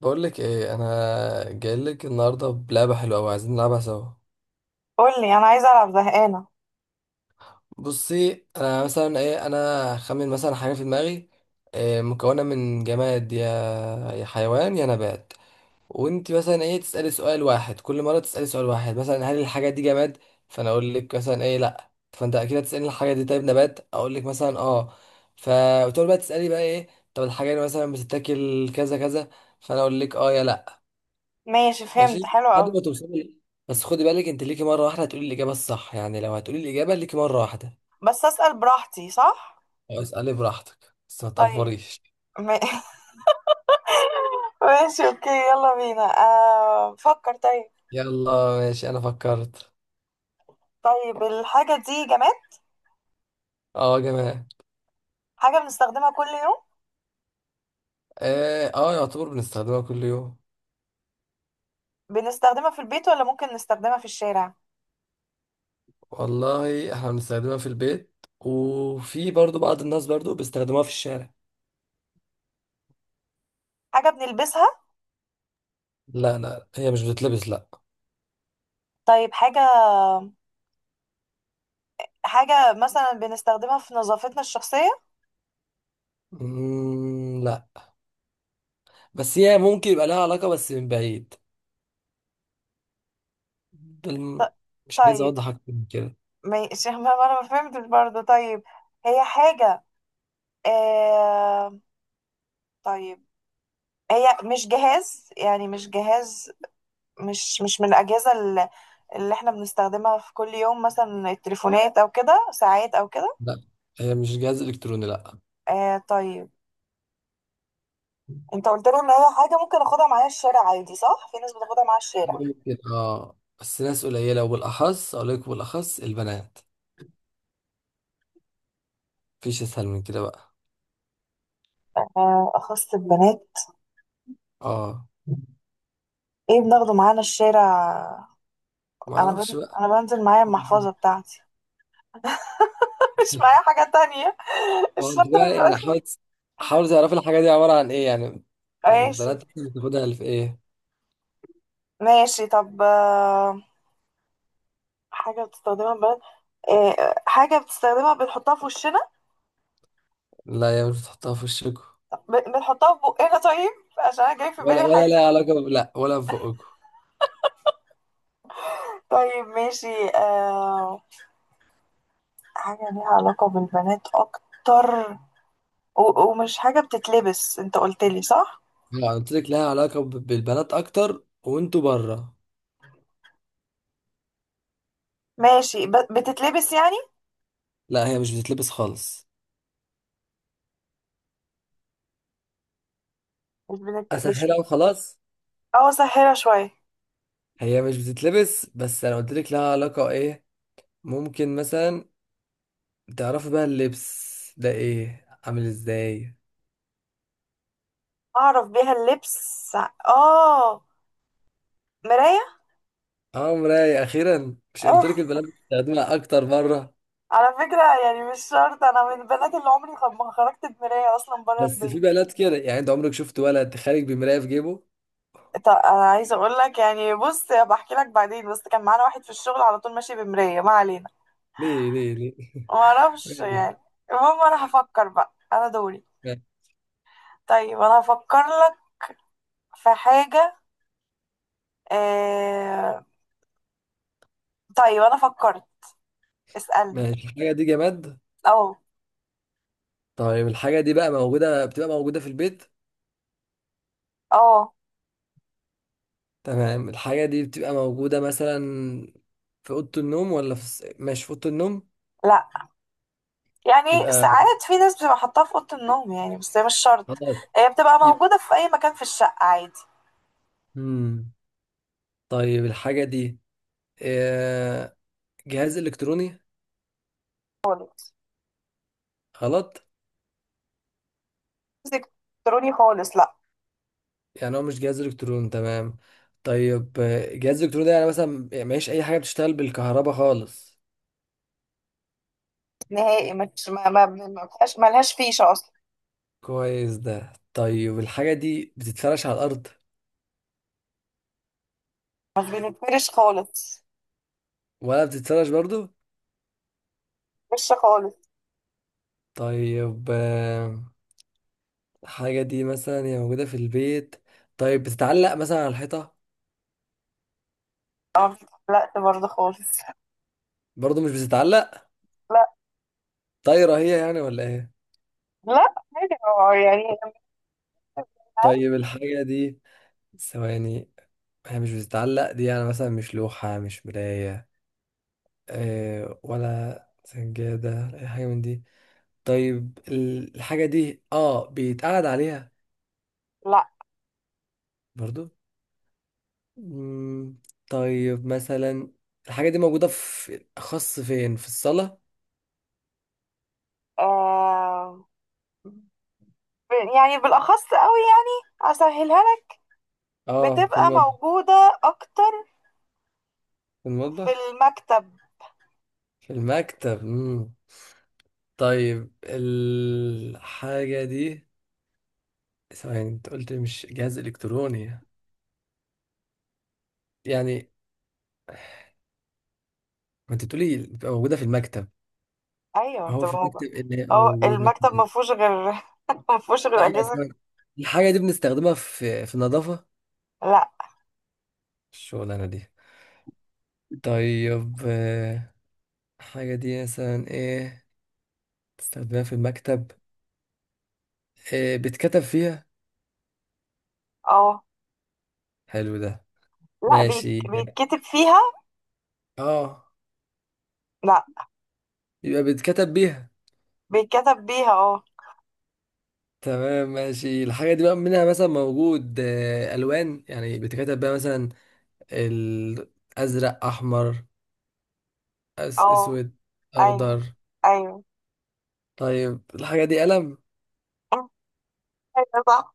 بقول لك ايه، انا جاي لك النهارده بلعبه حلوه قوي عايزين نلعبها سوا. قولي انا عايزه العب زهقانه. بصي انا مثلا ايه، انا خمن مثلا حاجه في دماغي. إيه مكونه من جماد يا حيوان يا نبات. وانت مثلا ايه تسالي سؤال واحد، كل مره تسالي سؤال واحد مثلا هل الحاجه دي جماد، فانا اقول لك مثلا ايه لا، فانت اكيد هتسالي الحاجه دي طيب نبات، اقول لك مثلا اه. ف وتقعد بقى تسالي بقى ايه. طب الحاجه دي مثلا بتتاكل كذا كذا، فانا اقول لك اه يا لا. ماشي فهمت، ماشي، حلو لحد قوي. ما توصلي. بس خدي بالك انت ليكي مره واحده هتقولي الاجابه الصح، يعني لو هتقولي الاجابه ليكي مره واحده. بس اسال براحتي صح؟ أو اسالي براحتك بس ما طيب تقفريش. ما- ماشي اوكي، يلا بينا، فكر. طيب يلا، ماشي انا فكرت. طيب الحاجه دي جماد؟ اه يا جماعه. حاجه بنستخدمها كل يوم؟ اه، يعتبر بنستخدمها كل يوم. بنستخدمها في البيت ولا ممكن نستخدمها في الشارع؟ والله احنا بنستخدمها في البيت، وفي برضو بعض الناس برضو بيستخدموها في الشارع. حاجه بنلبسها؟ لا لا، هي مش بتتلبس، لا. طيب حاجه، حاجه مثلا بنستخدمها في نظافتنا الشخصيه؟ لا، بس هي ممكن يبقى لها علاقه بس من بعيد. ده الم- ط- مش عايز طيب اوضح اكتر من كده. ماشي. ما انا ما فهمتش برضه. طيب هي حاجه، آه... طيب، هي مش جهاز، يعني مش جهاز. مش من اللي احنا بنستخدمها في كل يوم، مثلا التليفونات او كده، ساعات او كده. لا، هي مش جهاز الكتروني، لا. آه طيب، انت قلت له ان هي حاجة ممكن اخدها معايا الشارع عادي صح؟ في ناس بتاخدها معايا الشارع. ممكن اه، بس ناس قليلة وبالأخص أقول لك بالأخص البنات. مفيش أسهل من كده بقى. آه أخص البنات. اه. ايه بناخده معانا الشارع؟ ما أعرفش بقى. انا بنزل معايا المحفظة بتاعتي. مش معايا حاجة تانية. هو أنت الشنطة ما بقى بيبقاش. يعني حاول، حاول تعرف الحاجة دي عبارة عن إيه يعني. يعني ماشي البنات إحنا بتاخدها في إيه. ماشي، طب حاجة بتستخدمها البنات؟ حاجة بتستخدمها بنحطها في وشنا؟ لا يا، مش بتحطها في وشكوا. بنحطها في بقنا؟ طيب عشان انا جاي في ولا بالي ولا حاجة. لها علاقة ب، لا ولا في بقكوا. طيب ماشي. حاجة ليها علاقة بالبنات اكتر؟ ومش حاجة بتتلبس انت قلت لي صح؟ أنا قلت لك لها علاقة ب، بالبنات أكتر وأنتوا بره. ماشي. بتتلبس يعني؟ لا هي مش بتتلبس خالص. مش أسهلها وخلاص. اه سهلة شوية. هي مش بتتلبس بس أنا قلت لك لها علاقة إيه. ممكن مثلا تعرفي بقى اللبس ده ايه عامل ازاي. اعرف بيها اللبس؟ اه. مراية. اه مراية، اخيرا. مش آه. قلت لك البنات بتستخدمها اكتر مرة؟ على فكرة يعني مش شرط، انا من البنات اللي عمري ما خرجت بمراية اصلا بره بس في البيت. بنات كده، يعني انت عمرك شفت ولد خارج بمراية في جيبه؟ طب انا عايزه اقول لك، يعني بص، بحكي لك بعدين، بس كان معانا واحد في الشغل على طول ماشي بمرايه، ما علينا. ليه ليه ليه؟ معرفش ماشي. يعني. المهم انا هفكر بقى، انا دوري. ماشي طيب انا هفكر لك في حاجة. آه... طيب انا فكرت، اسألني. ماشي. الحاجة دي جماد. اه. طيب الحاجة دي بقى موجودة، بتبقى موجودة في البيت. اه. تمام، الحاجة دي بتبقى موجودة مثلا في أوضة النوم، ولا في الس-، ماشي في أوضة النوم. لا، يعني يبقى ساعات في ناس بتبقى حاطاها في اوضة النوم يعني، بس هي مش شرط. خلاص. هي بتبقى يبقى موجودة في اي مكان في الشقة عادي. مم. طيب الحاجة دي آه، جهاز إلكتروني؟ خالص. غلط. مش الكتروني خالص لا. يعني هو مش جهاز الكترون، تمام. طيب جهاز الكترون ده يعني مثلا، يعني مفيش اي حاجه بتشتغل بالكهرباء خالص. نهائي، مش ما فيهاش، ملهاش فيشة اصلا. كويس ده. طيب الحاجه دي بتتفرش على الارض مش بنتفرش خالص. ولا بتتفرش برضو؟ فيشة خالص. طيب الحاجه دي مثلا هي موجوده في البيت. طيب بتتعلق مثلا على الحيطه؟ اه. لا برضه خالص. برضو مش بتتعلق. لا. طايره هي يعني ولا ايه؟ لا حاجة يعني. طيب الحاجه دي، ثواني. هي مش بتتعلق دي، يعني مثلا مش لوحه، مش مرايه، ولا سجادة أي حاجة من دي. طيب ال-، الحاجة دي اه بيتقعد عليها؟ لا. برضو. مم، طيب مثلا الحاجة دي موجودة في أخص فين؟ في الصالة؟ آه يعني بالأخص قوي، يعني أسهلها لك. اه في بتبقى المطبخ؟ موجودة أكتر في في المطبخ، المكتب. في المكتب. مم. طيب الحاجة دي، ثواني، انت قلت مش جهاز إلكتروني، يعني، ما انت بتقولي بتبقى موجودة في المكتب، أيوة هو في بتبقى موجودة. المكتب اللي أو هيبقى موجود؟ المكتب ما فيهوش غير، ما فيهوش غير لا لا أجهزة. ثواني. الحاجة دي بنستخدمها في في النظافة لا. الشغلانة دي؟ طيب الحاجة دي مثلا ايه بتستخدمها في المكتب، إيه بتكتب فيها؟ أه. حلو ده. لا بيت... ماشي. بيتكتب فيها. اه، لا، يبقى بتكتب بيها. بيتكتب بيها، أه. تمام، ماشي. الحاجة دي بقى منها مثلا موجود ألوان، يعني بتكتب بيها مثلا الأزرق، أحمر، أس- أه. أسود، أيوة. أخضر. أيوة. طيب الحاجة دي قلم. أيوة صح.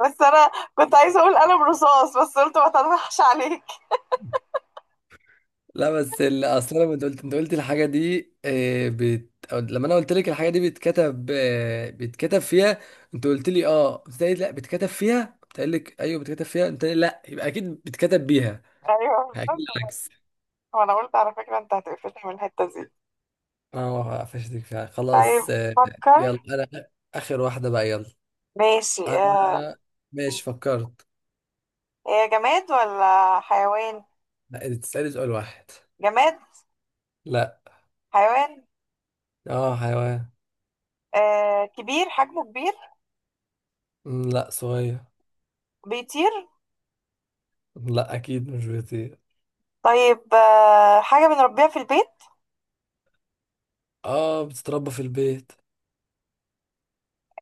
بس أنا كنت عايزة أقول قلم رصاص، بس قلت ما تضحكش عليك. لا بس ال-، اصل انا، انت قلت، انت قلت الحاجه دي بت، أو لما انا قلت لك الحاجه دي بتكتب بتكتب فيها، انت قلت لي اه، قلت لي لا بتكتب فيها، قلت لك ايوه بتكتب فيها، انت قلت لي لا، يبقى اكيد بتكتب بيها، أيوه اكيد بالظبط. العكس. وأنا قلت على فكرة أنت هتقفلني من الحتة دي. اه قفشتك فعلا طيب خلاص. فكر. يلا انا، اخر واحده بقى، يلا. ماشي آه. انا، ماشي فكرت. هي جماد ولا حيوان؟ لا انت تسالي سؤال واحد. جماد؟ لا. حيوان؟ اه حيوان. آه. كبير، حجمه كبير؟ لا صغير. بيطير؟ لا اكيد مش بيطير. طيب آه. حاجة بنربيها في البيت؟ اه بتتربى في البيت.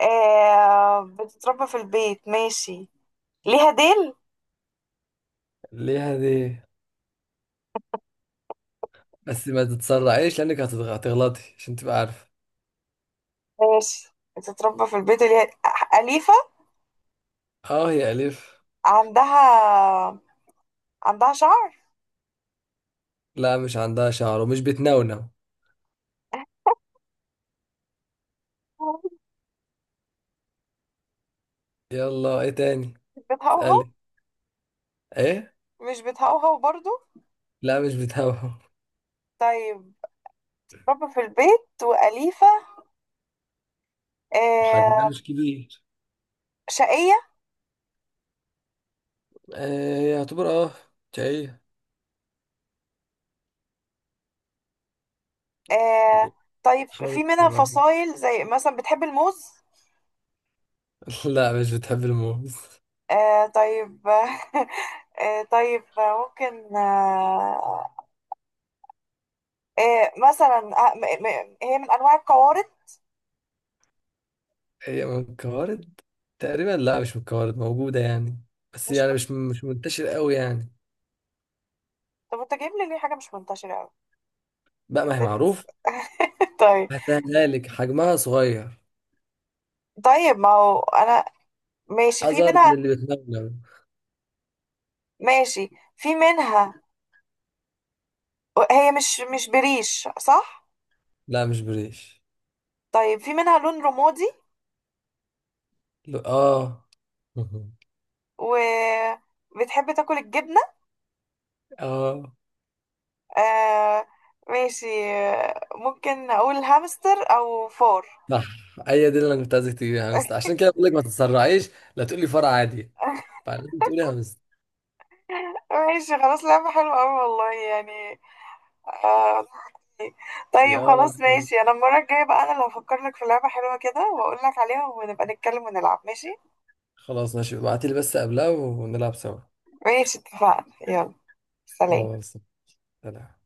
آه. بتتربى في البيت ماشي. ليها ديل؟ ليه دي، بس ما تتسرعيش لانك هتتغ- هتغلطي عشان تبقى عارفه. ماشي، بتتربى في البيت وليها، أليفة؟ اه هي الف. عندها، عندها شعر؟ لا مش عندها شعر ومش بتنونو. يلا ايه تاني، مش بتهوهو؟ اسالي. ايه؟ مش بتهوهو برضو؟ لا مش بتنونو. طيب بتتربى في البيت وأليفة. وحجمها آه. مش كبير. شقية؟ آه يعتبر اه، شقية. آه طيب. في حاولت منها تقربي. فصائل زي مثلا بتحب الموز؟ لا مش بتحب الموز. آه طيب آه طيب ممكن، آه، آه مثلا، آه م م هي من انواع القوارض؟ هي من الكوارد تقريبا، لا مش من الكوارد، موجودة يعني بس مش يعني ب... مش منتشر قوي يعني. طب انت جايب لي ليه حاجه مش منتشره قوي؟ بقى ما هي انت لسه معروف. طيب. هسهلها لك، حجمها صغير، طيب ما هو انا ماشي، في أصغر من منها، اللي بتنونو. ماشي في منها، هي مش بريش صح؟ لا مش بريش. طيب في منها لون رمادي اه. وبتحب تاكل الجبنه؟ اه آه ماشي. ممكن اقول هامستر او فار؟ صح. هي دي اللي انا كنت عايزك تجيبي يا همستة، عشان كده بقول لك ما تتسرعيش لا تقولي فرع عادي، فلازم تقولي همستة. ماشي خلاص، لعبة حلوة أوي والله يعني. آه طيب يا خلاص لازم. ماشي، أنا المرة الجاية بقى أنا اللي هفكر لك في لعبة حلوة كده وأقول لك عليها، ونبقى نتكلم ونلعب ماشي. خلاص ماشي، ابعتي لي بس قبلها ونلعب سوا. ماشي اتفقنا، يلا سلام. خلاص. سلام.